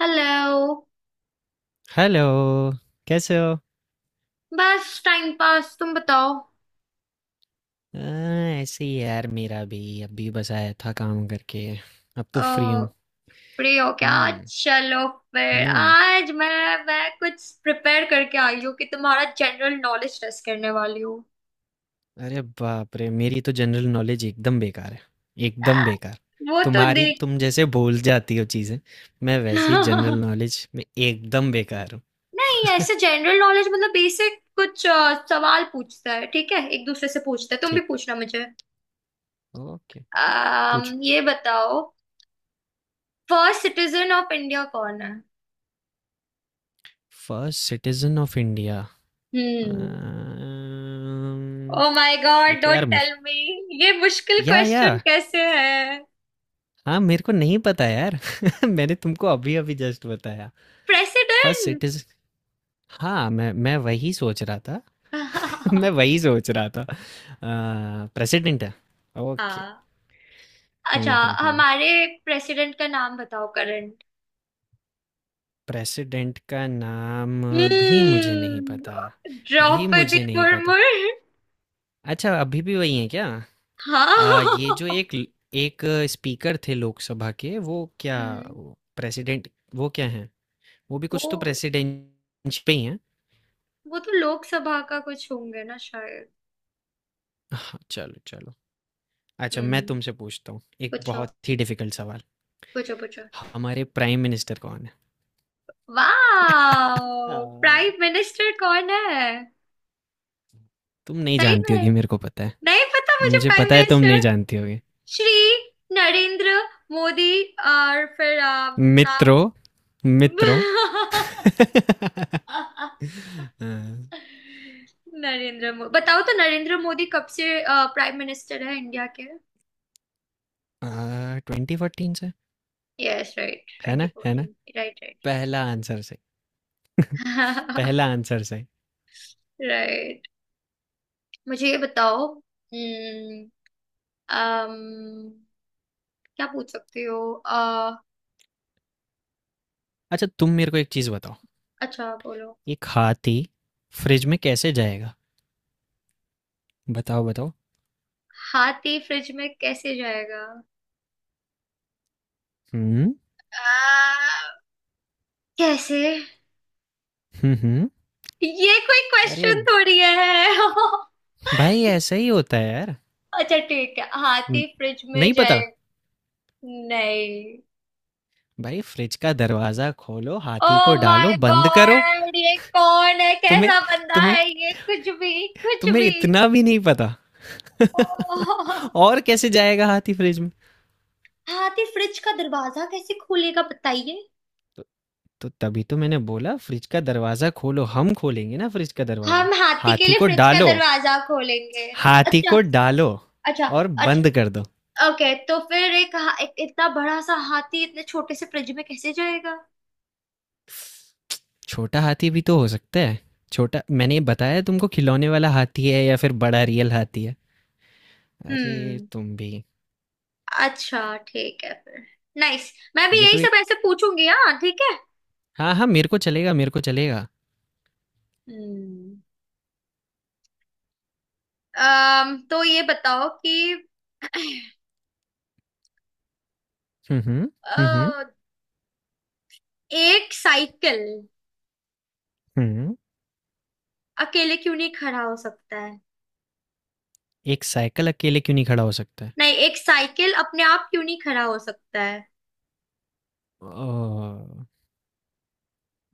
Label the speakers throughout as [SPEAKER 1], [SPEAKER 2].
[SPEAKER 1] Hello.
[SPEAKER 2] Hello. कैसे हो?
[SPEAKER 1] बस टाइम पास, तुम बताओ।
[SPEAKER 2] ऐसे ही यार, मेरा भी अभी बस आया था काम करके। अब तो
[SPEAKER 1] अ,
[SPEAKER 2] फ्री हूँ।
[SPEAKER 1] फ्री हो क्या?
[SPEAKER 2] हम्म,
[SPEAKER 1] चलो, फिर
[SPEAKER 2] हम्म।
[SPEAKER 1] आज मैं कुछ प्रिपेयर करके आई हूँ कि तुम्हारा जनरल नॉलेज टेस्ट करने वाली हूँ।
[SPEAKER 2] अरे बाप रे, मेरी तो जनरल नॉलेज एकदम बेकार है, एकदम बेकार।
[SPEAKER 1] वो तो देख।
[SPEAKER 2] तुम जैसे भूल जाती हो चीज़ें, मैं वैसे ही जनरल नॉलेज में एकदम बेकार हूँ।
[SPEAKER 1] नहीं, ऐसे जनरल नॉलेज मतलब बेसिक कुछ सवाल पूछता है, ठीक है? एक दूसरे से पूछता है, तुम भी
[SPEAKER 2] ठीक।
[SPEAKER 1] पूछना मुझे।
[SPEAKER 2] ओके। पूछो।
[SPEAKER 1] ये बताओ, फर्स्ट सिटीजन ऑफ इंडिया कौन है?
[SPEAKER 2] First citizen of India.
[SPEAKER 1] हम्म। ओ माय
[SPEAKER 2] ये
[SPEAKER 1] गॉड,
[SPEAKER 2] तो
[SPEAKER 1] डोंट
[SPEAKER 2] यार
[SPEAKER 1] टेल
[SPEAKER 2] मुश्किल।
[SPEAKER 1] मी। ये मुश्किल
[SPEAKER 2] या,
[SPEAKER 1] क्वेश्चन कैसे है?
[SPEAKER 2] हाँ, मेरे को नहीं पता यार मैंने तुमको अभी-अभी जस्ट बताया। First
[SPEAKER 1] president.
[SPEAKER 2] सिटीज़ हाँ, मैं वही सोच रहा था। मैं वही सोच रहा था। प्रेसिडेंट है? ओके।
[SPEAKER 1] हाँ। अच्छा,
[SPEAKER 2] हुँ, हुँ, हुँ।
[SPEAKER 1] हमारे प्रेसिडेंट का नाम बताओ, करंट।
[SPEAKER 2] प्रेसिडेंट का नाम भी मुझे नहीं
[SPEAKER 1] हम्म,
[SPEAKER 2] पता, भी
[SPEAKER 1] द्रौपदी
[SPEAKER 2] मुझे नहीं पता।
[SPEAKER 1] मुर्मू।
[SPEAKER 2] अच्छा अभी भी वही है क्या?
[SPEAKER 1] हाँ।
[SPEAKER 2] ये जो एक स्पीकर थे लोकसभा के, वो क्या,
[SPEAKER 1] हम्म।
[SPEAKER 2] प्रेसिडेंट, वो क्या हैं? वो भी कुछ
[SPEAKER 1] वो
[SPEAKER 2] तो प्रेसिडेंट पे ही हैं।
[SPEAKER 1] वो तो लोकसभा का कुछ होंगे ना शायद।
[SPEAKER 2] हाँ, चलो, चलो। अच्छा मैं
[SPEAKER 1] हम्म।
[SPEAKER 2] तुमसे पूछता हूँ एक
[SPEAKER 1] पूछो
[SPEAKER 2] बहुत ही डिफिकल्ट सवाल।
[SPEAKER 1] पूछो पूछो।
[SPEAKER 2] हमारे प्राइम मिनिस्टर कौन है?
[SPEAKER 1] वाह,
[SPEAKER 2] हाँ।
[SPEAKER 1] प्राइम मिनिस्टर कौन है।
[SPEAKER 2] तुम नहीं
[SPEAKER 1] सही
[SPEAKER 2] जानती
[SPEAKER 1] में
[SPEAKER 2] होगी, मेरे को पता है।
[SPEAKER 1] नहीं पता मुझे
[SPEAKER 2] मुझे
[SPEAKER 1] प्राइम
[SPEAKER 2] पता है तुम
[SPEAKER 1] मिनिस्टर।
[SPEAKER 2] नहीं जानती होगी।
[SPEAKER 1] श्री नरेंद्र मोदी, और फिर
[SPEAKER 2] मित्रों, मित्रों।
[SPEAKER 1] नाम। नरेंद्र मोदी। बताओ तो, नरेंद्र मोदी कब से प्राइम मिनिस्टर है इंडिया के?
[SPEAKER 2] 2014 से।
[SPEAKER 1] यस, राइट,
[SPEAKER 2] है
[SPEAKER 1] ट्वेंटी
[SPEAKER 2] ना, है ना?
[SPEAKER 1] फोर्टीन। राइट, राइट,
[SPEAKER 2] पहला आंसर से, पहला आंसर से।
[SPEAKER 1] राइट। मुझे ये बताओ। हम्म, अम, क्या पूछ सकते हो? अ,
[SPEAKER 2] अच्छा तुम मेरे को एक चीज बताओ।
[SPEAKER 1] अच्छा, बोलो।
[SPEAKER 2] एक हाथी फ्रिज में कैसे जाएगा? बताओ, बताओ।
[SPEAKER 1] हाथी फ्रिज में कैसे जाएगा?
[SPEAKER 2] हम्म,
[SPEAKER 1] आ, कैसे?
[SPEAKER 2] हम्म,
[SPEAKER 1] ये कोई
[SPEAKER 2] अरे
[SPEAKER 1] क्वेश्चन थोड़ी है।
[SPEAKER 2] भाई ऐसा ही होता है यार।
[SPEAKER 1] अच्छा ठीक है,
[SPEAKER 2] न-
[SPEAKER 1] हाथी फ्रिज में
[SPEAKER 2] नहीं
[SPEAKER 1] जाए।
[SPEAKER 2] पता।
[SPEAKER 1] नहीं।
[SPEAKER 2] भाई फ्रिज का दरवाजा खोलो,
[SPEAKER 1] ओ
[SPEAKER 2] हाथी को डालो,
[SPEAKER 1] माय
[SPEAKER 2] बंद करो।
[SPEAKER 1] गॉड, ये कौन है,
[SPEAKER 2] तुम्हें
[SPEAKER 1] कैसा बंदा
[SPEAKER 2] तुम्हें
[SPEAKER 1] है ये, कुछ भी कुछ
[SPEAKER 2] तुम्हें
[SPEAKER 1] भी
[SPEAKER 2] इतना भी नहीं पता।
[SPEAKER 1] ओह।
[SPEAKER 2] और कैसे जाएगा हाथी फ्रिज में?
[SPEAKER 1] हाथी फ्रिज का दरवाजा कैसे खोलेगा बताइए।
[SPEAKER 2] तो, तो तभी तो मैंने बोला फ्रिज का दरवाजा खोलो, हम खोलेंगे ना फ्रिज का दरवाजा।
[SPEAKER 1] हम हाथी के
[SPEAKER 2] हाथी
[SPEAKER 1] लिए
[SPEAKER 2] को
[SPEAKER 1] फ्रिज का
[SPEAKER 2] डालो,
[SPEAKER 1] दरवाजा खोलेंगे?
[SPEAKER 2] हाथी
[SPEAKER 1] अच्छा,
[SPEAKER 2] को डालो,
[SPEAKER 1] अच्छा,
[SPEAKER 2] और बंद
[SPEAKER 1] अच्छा।
[SPEAKER 2] कर दो।
[SPEAKER 1] ओके, तो फिर एक, एक इतना बड़ा सा हाथी इतने छोटे से फ्रिज में कैसे जाएगा?
[SPEAKER 2] छोटा हाथी भी तो हो सकता है। छोटा, मैंने बताया तुमको, खिलौने वाला हाथी है या फिर बड़ा रियल हाथी है। अरे,
[SPEAKER 1] हम्म।
[SPEAKER 2] तुम भी।
[SPEAKER 1] अच्छा ठीक है फिर। नाइस, मैं भी
[SPEAKER 2] ये
[SPEAKER 1] यही
[SPEAKER 2] तो एक,
[SPEAKER 1] सब ऐसे पूछूंगी, हाँ ठीक है।
[SPEAKER 2] हाँ हाँ, मेरे को चलेगा, मेरे को चलेगा।
[SPEAKER 1] हम्म। तो ये बताओ कि
[SPEAKER 2] हम्म, हम्म, हम्म,
[SPEAKER 1] अ, एक साइकिल
[SPEAKER 2] हम्म।
[SPEAKER 1] अकेले क्यों नहीं खड़ा हो सकता है?
[SPEAKER 2] एक साइकिल अकेले क्यों नहीं खड़ा हो सकता है?
[SPEAKER 1] नहीं, एक साइकिल अपने आप क्यों नहीं खड़ा हो सकता है?
[SPEAKER 2] अ,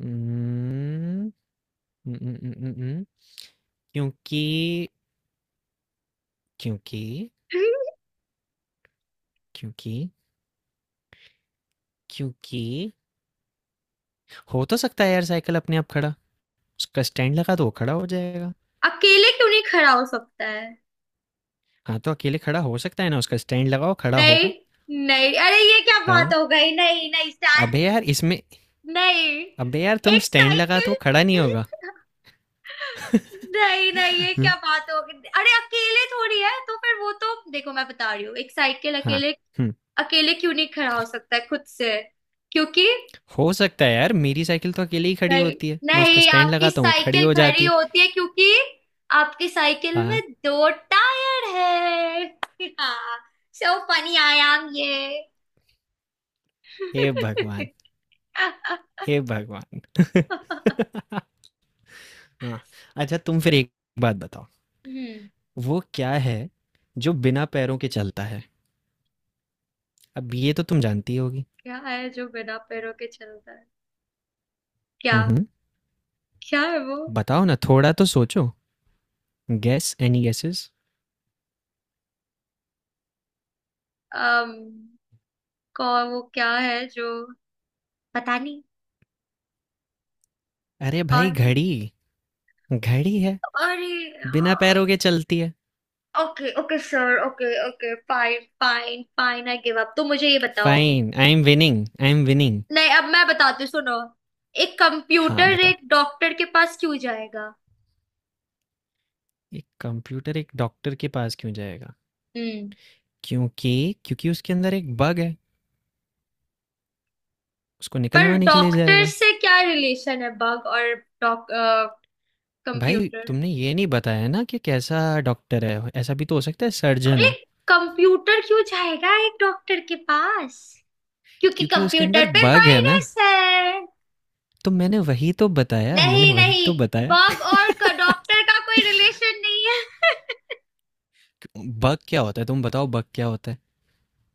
[SPEAKER 2] उम्म, उम, उम, उम, उम, उम, क्योंकि क्योंकि क्योंकि क्योंकि हो तो सकता है यार साइकिल अपने आप खड़ा। उसका स्टैंड लगा तो वो खड़ा हो जाएगा।
[SPEAKER 1] अकेले क्यों नहीं खड़ा हो सकता है?
[SPEAKER 2] हाँ, तो अकेले खड़ा हो सकता है ना, उसका स्टैंड लगाओ खड़ा
[SPEAKER 1] नहीं,
[SPEAKER 2] होगा।
[SPEAKER 1] नहीं, अरे ये क्या
[SPEAKER 2] हाँ,
[SPEAKER 1] बात हो गई, नहीं नहीं स्टैंड।
[SPEAKER 2] अबे यार इसमें
[SPEAKER 1] नहीं,
[SPEAKER 2] अबे यार तुम
[SPEAKER 1] एक
[SPEAKER 2] स्टैंड लगा तो वो खड़ा
[SPEAKER 1] साइकिल।
[SPEAKER 2] नहीं होगा।
[SPEAKER 1] नहीं नहीं ये क्या
[SPEAKER 2] हुँ,
[SPEAKER 1] बात हो गई, अरे अकेले थोड़ी है तो फिर वो, तो देखो, मैं बता रही हूँ, एक साइकिल
[SPEAKER 2] हाँ,
[SPEAKER 1] अकेले
[SPEAKER 2] हुँ,
[SPEAKER 1] अकेले क्यों नहीं खड़ा हो सकता है खुद से? क्योंकि,
[SPEAKER 2] हो सकता है यार, मेरी साइकिल तो अकेले ही खड़ी
[SPEAKER 1] नहीं
[SPEAKER 2] होती है। मैं उसका
[SPEAKER 1] नहीं,
[SPEAKER 2] स्टैंड
[SPEAKER 1] आपकी
[SPEAKER 2] लगाता हूँ, वो खड़ी
[SPEAKER 1] साइकिल
[SPEAKER 2] हो
[SPEAKER 1] खड़ी
[SPEAKER 2] जाती है।
[SPEAKER 1] होती है क्योंकि आपकी साइकिल में
[SPEAKER 2] हाँ,
[SPEAKER 1] दो टायर है, हाँ। सो फनी, आई एम ये।
[SPEAKER 2] हे भगवान! हे भगवान! हाँ, अच्छा तुम फिर एक बात बताओ।
[SPEAKER 1] हम्म।
[SPEAKER 2] वो क्या है जो बिना पैरों के चलता है? अब ये तो तुम जानती होगी।
[SPEAKER 1] क्या है जो बिना पैरों के चलता है? क्या?
[SPEAKER 2] हम्म।
[SPEAKER 1] क्या है वो?
[SPEAKER 2] बताओ ना, थोड़ा तो सोचो। Gas, any gases?
[SPEAKER 1] अम कौ वो क्या है जो, पता नहीं
[SPEAKER 2] अरे भाई,
[SPEAKER 1] कौन है?
[SPEAKER 2] घड़ी। घड़ी है,
[SPEAKER 1] अरे, हाँ।
[SPEAKER 2] बिना पैरों के चलती है।
[SPEAKER 1] Okay okay sir, okay okay, fine fine fine, I give up. तो मुझे ये बताओ,
[SPEAKER 2] fine, I am winning, I am winning.
[SPEAKER 1] नहीं, अब मैं बताती हूँ, सुनो। एक
[SPEAKER 2] हाँ
[SPEAKER 1] कंप्यूटर
[SPEAKER 2] बताओ।
[SPEAKER 1] एक डॉक्टर के पास क्यों जाएगा?
[SPEAKER 2] एक कंप्यूटर एक डॉक्टर के पास क्यों जाएगा?
[SPEAKER 1] हम्म।
[SPEAKER 2] क्योंकि क्योंकि उसके अंदर एक बग है, उसको
[SPEAKER 1] पर
[SPEAKER 2] निकलवाने के लिए
[SPEAKER 1] डॉक्टर
[SPEAKER 2] जाएगा।
[SPEAKER 1] से क्या रिलेशन है बग और डॉक
[SPEAKER 2] भाई,
[SPEAKER 1] कंप्यूटर?
[SPEAKER 2] तुमने ये नहीं बताया ना कि कैसा डॉक्टर है, ऐसा भी तो हो सकता है सर्जन
[SPEAKER 1] अरे,
[SPEAKER 2] हो।
[SPEAKER 1] कंप्यूटर क्यों जाएगा एक डॉक्टर के पास? क्योंकि
[SPEAKER 2] क्योंकि उसके
[SPEAKER 1] कंप्यूटर
[SPEAKER 2] अंदर
[SPEAKER 1] पे
[SPEAKER 2] बग है ना,
[SPEAKER 1] वायरस है।
[SPEAKER 2] तो मैंने वही तो बताया, मैंने
[SPEAKER 1] नहीं
[SPEAKER 2] वही
[SPEAKER 1] नहीं
[SPEAKER 2] तो बताया।
[SPEAKER 1] बग और डॉक्टर का कोई रिलेशन नहीं।
[SPEAKER 2] बग क्या होता है, तुम बताओ बग क्या होता है?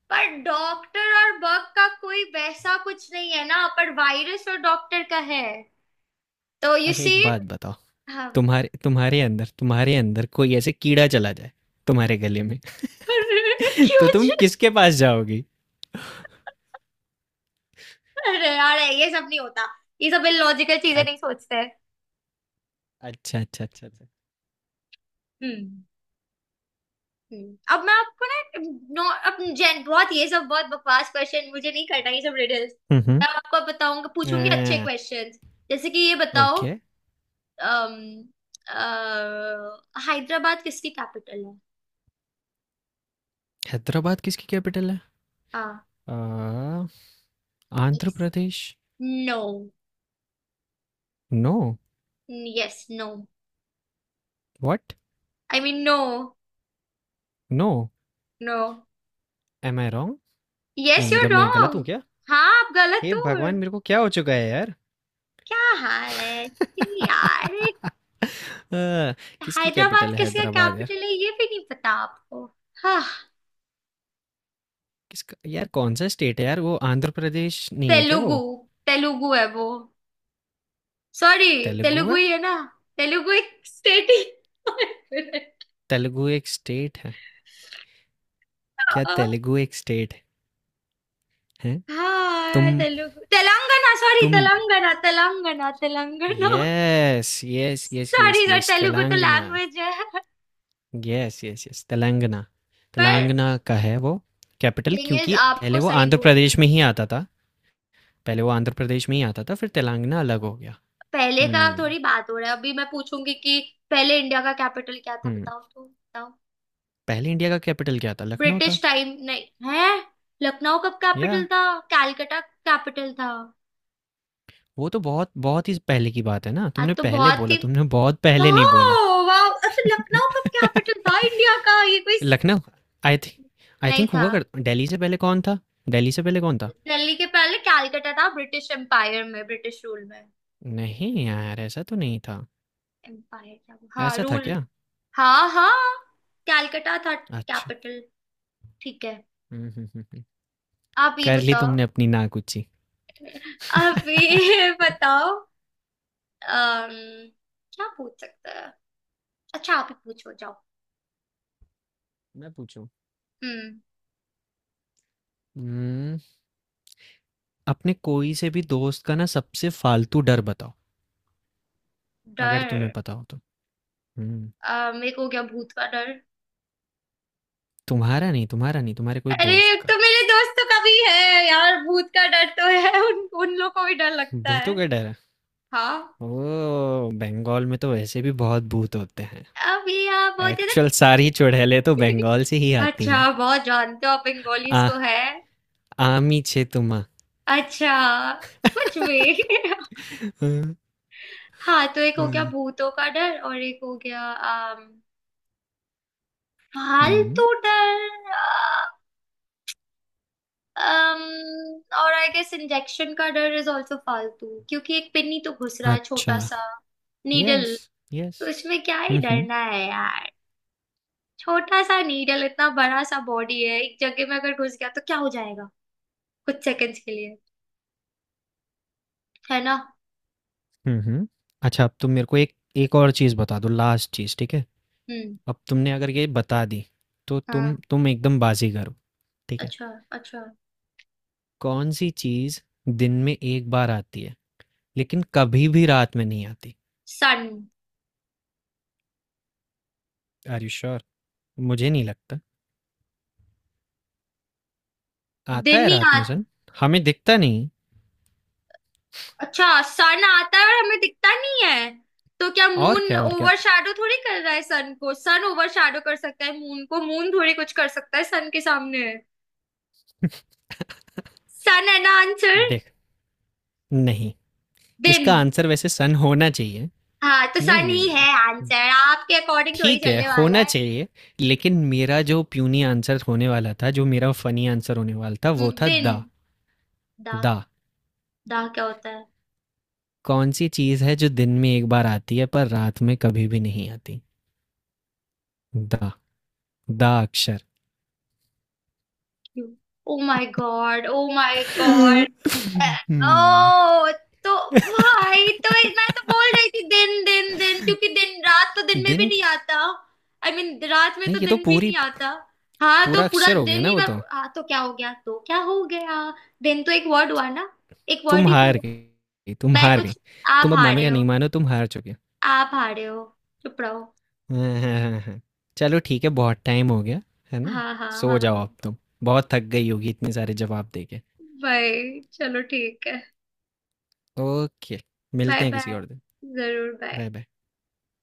[SPEAKER 1] पर डॉक्टर और बग का कोई वैसा कुछ नहीं है ना, पर वायरस और डॉक्टर का है। तो यू
[SPEAKER 2] अच्छा
[SPEAKER 1] सी।
[SPEAKER 2] एक बात बताओ।
[SPEAKER 1] हाँ, बताओ।
[SPEAKER 2] तुम्हारे तुम्हारे अंदर कोई ऐसे कीड़ा चला जाए, तुम्हारे गले में
[SPEAKER 1] अरे,
[SPEAKER 2] तो
[SPEAKER 1] क्यों
[SPEAKER 2] तुम
[SPEAKER 1] जी?
[SPEAKER 2] किसके पास जाओगी?
[SPEAKER 1] अरे यार, ये सब नहीं होता, ये सब इलॉजिकल चीजें
[SPEAKER 2] अ-
[SPEAKER 1] नहीं सोचते।
[SPEAKER 2] अच्छा, अच्छा, अच्छा, अच्छा।
[SPEAKER 1] हम्म। हम्म। अब मैं आपको ना, नो, अब जेन बहुत ये सब बहुत बकवास क्वेश्चन, मुझे नहीं करना ये सब रिडल्स।
[SPEAKER 2] हम्म।
[SPEAKER 1] मैं आपको बताऊंगा, पूछूंगी अच्छे
[SPEAKER 2] आ,
[SPEAKER 1] क्वेश्चंस, जैसे कि ये बताओ।
[SPEAKER 2] ओके।
[SPEAKER 1] अम, हैदराबाद किसकी कैपिटल है?
[SPEAKER 2] हैदराबाद किसकी कैपिटल है?
[SPEAKER 1] हाँ।
[SPEAKER 2] आ, Andhra
[SPEAKER 1] yes.
[SPEAKER 2] Pradesh.
[SPEAKER 1] No.
[SPEAKER 2] No.
[SPEAKER 1] Yes no.
[SPEAKER 2] What?
[SPEAKER 1] I mean no.
[SPEAKER 2] No.
[SPEAKER 1] No.
[SPEAKER 2] Am I wrong?
[SPEAKER 1] Yes
[SPEAKER 2] नहीं,
[SPEAKER 1] यू आर
[SPEAKER 2] मतलब मैं गलत हूँ
[SPEAKER 1] रॉन्ग।
[SPEAKER 2] क्या?
[SPEAKER 1] हाँ, आप गलत
[SPEAKER 2] हे
[SPEAKER 1] हो।
[SPEAKER 2] भगवान, मेरे को क्या हो चुका है यार!
[SPEAKER 1] क्या हाल है जी यार।
[SPEAKER 2] आ, किसकी
[SPEAKER 1] हैदराबाद
[SPEAKER 2] कैपिटल है
[SPEAKER 1] किसका
[SPEAKER 2] हैदराबाद यार?
[SPEAKER 1] कैपिटल है ये भी नहीं पता आपको? हाँ।
[SPEAKER 2] किसका यार, कौन सा स्टेट है यार, वो आंध्र प्रदेश नहीं है क्या वो?
[SPEAKER 1] तेलुगु, तेलुगु है वो। सॉरी,
[SPEAKER 2] तेलुगु
[SPEAKER 1] तेलुगु
[SPEAKER 2] है?
[SPEAKER 1] ही है ना? तेलुगु एक स्टेट ही।
[SPEAKER 2] तेलुगु एक स्टेट है? क्या तेलुगु एक स्टेट है? हैं?
[SPEAKER 1] हाँ,
[SPEAKER 2] तुम
[SPEAKER 1] तेलुगु, तेलंगाना, सॉरी,
[SPEAKER 2] तुम
[SPEAKER 1] Telangana Telangana Telangana.
[SPEAKER 2] Yes, yes, yes, yes,
[SPEAKER 1] sorry sir,
[SPEAKER 2] yes,
[SPEAKER 1] Telugu तो
[SPEAKER 2] तेलंगाना।
[SPEAKER 1] लैंग्वेज है।
[SPEAKER 2] Yes, yes, yes, Telangana.
[SPEAKER 1] पर
[SPEAKER 2] तेलंगाना का है वो कैपिटल,
[SPEAKER 1] थिंग इज,
[SPEAKER 2] क्योंकि
[SPEAKER 1] आपको
[SPEAKER 2] पहले वो
[SPEAKER 1] सही
[SPEAKER 2] आंध्र
[SPEAKER 1] बोलना है।
[SPEAKER 2] प्रदेश में ही आता था। पहले वो आंध्र प्रदेश में ही आता था, फिर तेलंगाना
[SPEAKER 1] अच्छा,
[SPEAKER 2] अलग हो गया।
[SPEAKER 1] पहले का
[SPEAKER 2] हम्म,
[SPEAKER 1] थोड़ी बात हो रहा है, अभी मैं पूछूंगी कि पहले इंडिया का कैपिटल क्या था,
[SPEAKER 2] हम्म।
[SPEAKER 1] बताओ तो, बताओ।
[SPEAKER 2] पहले इंडिया का कैपिटल क्या था? लखनऊ
[SPEAKER 1] ब्रिटिश
[SPEAKER 2] था।
[SPEAKER 1] टाइम, नहीं है। लखनऊ कब कैपिटल
[SPEAKER 2] याह!
[SPEAKER 1] था? कैलकटा कैपिटल था।
[SPEAKER 2] वो तो बहुत बहुत ही पहले की बात है ना?
[SPEAKER 1] आज
[SPEAKER 2] तुमने
[SPEAKER 1] तो
[SPEAKER 2] पहले
[SPEAKER 1] बहुत
[SPEAKER 2] बोला,
[SPEAKER 1] ही,
[SPEAKER 2] तुमने बहुत
[SPEAKER 1] वाह,
[SPEAKER 2] पहले नहीं बोला।
[SPEAKER 1] वाह। अच्छा, लखनऊ कब कैपिटल था इंडिया का, ये कोई
[SPEAKER 2] लखनऊ। आई थि आई
[SPEAKER 1] नहीं
[SPEAKER 2] थिंक
[SPEAKER 1] था।
[SPEAKER 2] हुआ कर दिल्ली से पहले कौन था? दिल्ली से पहले कौन था?
[SPEAKER 1] दिल्ली के पहले कैलकटा था, ब्रिटिश एम्पायर में, ब्रिटिश रूल में।
[SPEAKER 2] नहीं यार, ऐसा तो नहीं था।
[SPEAKER 1] एम्पायर क्या, हाँ
[SPEAKER 2] ऐसा था
[SPEAKER 1] रूल।
[SPEAKER 2] क्या?
[SPEAKER 1] हाँ हाँ, कैलकटा था
[SPEAKER 2] अच्छा।
[SPEAKER 1] कैपिटल। ठीक है।
[SPEAKER 2] हुँ, हुँ, हुँ, हुँ।
[SPEAKER 1] आप ये
[SPEAKER 2] कर ली
[SPEAKER 1] बताओ।
[SPEAKER 2] तुमने अपनी नाकुच्ची।
[SPEAKER 1] आप ये बताओ। अम क्या पूछ सकते हैं? अच्छा, आप ही पूछो, जाओ।
[SPEAKER 2] मैं पूछूँ?
[SPEAKER 1] हम्म।
[SPEAKER 2] उम, अपने कोई से भी दोस्त का ना सबसे फालतू डर बताओ, अगर तुम्हें
[SPEAKER 1] डर।
[SPEAKER 2] पता हो तो। हुँ,
[SPEAKER 1] मेरे को हो गया भूत का डर।
[SPEAKER 2] तुम्हारा नहीं, तुम्हारा नहीं, तुम्हारे कोई
[SPEAKER 1] अरे,
[SPEAKER 2] दोस्त का।
[SPEAKER 1] तो मेरे दोस्तों का भी है यार भूत का डर तो है, उन उन लोग को भी डर लगता है।
[SPEAKER 2] भूतों का डर है।
[SPEAKER 1] हाँ।
[SPEAKER 2] ओ, बंगाल में तो वैसे भी बहुत भूत होते हैं।
[SPEAKER 1] अब ये आप बहुत ज्यादा।
[SPEAKER 2] एक्चुअल सारी चुड़ैलें तो बंगाल से ही आती
[SPEAKER 1] अच्छा,
[SPEAKER 2] हैं।
[SPEAKER 1] बहुत जानते हो आप बंगालीज
[SPEAKER 2] आ
[SPEAKER 1] को है।
[SPEAKER 2] आमी छे तुमा।
[SPEAKER 1] अच्छा, कुछ भी।
[SPEAKER 2] हम्म,
[SPEAKER 1] हाँ, तो एक हो गया
[SPEAKER 2] हम्म,
[SPEAKER 1] भूतों का डर, और एक हो गया
[SPEAKER 2] हम्म।
[SPEAKER 1] फालतू डर। um, और आई गेस इंजेक्शन का डर इज ऑल्सो फालतू, क्योंकि एक पिन ही तो घुस रहा है,
[SPEAKER 2] अच्छा।
[SPEAKER 1] छोटा सा
[SPEAKER 2] यस,
[SPEAKER 1] नीडल। तो
[SPEAKER 2] यस।
[SPEAKER 1] इसमें क्या ही
[SPEAKER 2] हम्म, हम्म,
[SPEAKER 1] डरना है यार। छोटा सा नीडल, इतना बड़ा सा बॉडी है, एक जगह में अगर घुस गया तो क्या हो जाएगा, कुछ सेकंड्स के लिए, है ना?
[SPEAKER 2] हम्म, हम्म। अच्छा, अब तुम मेरे को एक एक और चीज़ बता दो, लास्ट चीज़, ठीक है?
[SPEAKER 1] हम्म।
[SPEAKER 2] अब तुमने अगर ये बता दी तो तुम
[SPEAKER 1] हाँ।
[SPEAKER 2] तुम एकदम बाजीगर हो। ठीक है।
[SPEAKER 1] अच्छा, अच्छा।
[SPEAKER 2] कौन सी चीज़ दिन में एक बार आती है लेकिन कभी भी रात में नहीं आती?
[SPEAKER 1] सन।
[SPEAKER 2] Are you sure? मुझे नहीं लगता। आता
[SPEAKER 1] दिन
[SPEAKER 2] है
[SPEAKER 1] ही
[SPEAKER 2] रात
[SPEAKER 1] आ।
[SPEAKER 2] में सन, हमें दिखता नहीं।
[SPEAKER 1] अच्छा, सन आता है और हमें दिखता नहीं है? तो क्या
[SPEAKER 2] और
[SPEAKER 1] मून
[SPEAKER 2] क्या, और क्या?
[SPEAKER 1] ओवरशैडो थोड़ी कर रहा है सन को, सन ओवरशैडो कर सकता है मून को, मून थोड़ी कुछ कर सकता है सन के सामने। सन है ना आंसर?
[SPEAKER 2] देख, नहीं, इसका
[SPEAKER 1] दिन।
[SPEAKER 2] आंसर वैसे सन होना चाहिए।
[SPEAKER 1] हाँ तो
[SPEAKER 2] नहीं,
[SPEAKER 1] सन
[SPEAKER 2] नहीं,
[SPEAKER 1] ही
[SPEAKER 2] नहीं,
[SPEAKER 1] है।
[SPEAKER 2] नहीं।
[SPEAKER 1] आंसर आपके अकॉर्डिंग थोड़ी
[SPEAKER 2] ठीक है,
[SPEAKER 1] चलने वाला
[SPEAKER 2] होना
[SPEAKER 1] है।
[SPEAKER 2] चाहिए। लेकिन मेरा जो प्यूनी आंसर होने वाला था जो मेरा फनी आंसर होने वाला था वो था दा।
[SPEAKER 1] दिन। दा।
[SPEAKER 2] दा।
[SPEAKER 1] दा क्या होता है?
[SPEAKER 2] कौन सी चीज़ है जो दिन में एक बार आती है पर रात में कभी भी नहीं आती? दा, दा अक्षर।
[SPEAKER 1] Oh my god, oh my God.
[SPEAKER 2] हम्म,
[SPEAKER 1] ओ, तो, भाई तो मैं तो बोल रही थी दिन दिन दिन क्योंकि दिन रात तो दिन में भी
[SPEAKER 2] दिन
[SPEAKER 1] नहीं
[SPEAKER 2] के-
[SPEAKER 1] आता। आई I मीन mean, रात में
[SPEAKER 2] नहीं,
[SPEAKER 1] तो
[SPEAKER 2] ये तो
[SPEAKER 1] दिन भी
[SPEAKER 2] पूरी,
[SPEAKER 1] नहीं आता। हाँ तो
[SPEAKER 2] पूरा
[SPEAKER 1] पूरा
[SPEAKER 2] अक्षर हो गया
[SPEAKER 1] दिन
[SPEAKER 2] ना
[SPEAKER 1] ही,
[SPEAKER 2] वो
[SPEAKER 1] मैं,
[SPEAKER 2] तो।
[SPEAKER 1] हाँ तो क्या हो गया, तो क्या हो गया? दिन तो एक वर्ड हुआ ना, एक
[SPEAKER 2] तुम
[SPEAKER 1] वर्ड ही तो
[SPEAKER 2] हार
[SPEAKER 1] हुआ।
[SPEAKER 2] गई, तुम
[SPEAKER 1] मैं
[SPEAKER 2] हार गई।
[SPEAKER 1] कुछ, आप
[SPEAKER 2] तुम अब मानो
[SPEAKER 1] हारे
[SPEAKER 2] या
[SPEAKER 1] हो,
[SPEAKER 2] नहीं मानो, तुम हार चुके हो।
[SPEAKER 1] आप हारे हो, चुप रहो।
[SPEAKER 2] हाँ, हाँ, हाँ, हाँ। चलो ठीक है, बहुत टाइम हो गया है ना।
[SPEAKER 1] हाँ हाँ
[SPEAKER 2] सो
[SPEAKER 1] हाँ
[SPEAKER 2] जाओ अब
[SPEAKER 1] हाँ।
[SPEAKER 2] तुम, बहुत थक गई होगी इतने सारे जवाब दे के।
[SPEAKER 1] भाई चलो ठीक है।
[SPEAKER 2] ओके,
[SPEAKER 1] बाय
[SPEAKER 2] मिलते हैं किसी
[SPEAKER 1] बाय।
[SPEAKER 2] और दिन।
[SPEAKER 1] जरूर, बाय।
[SPEAKER 2] Bye, bye.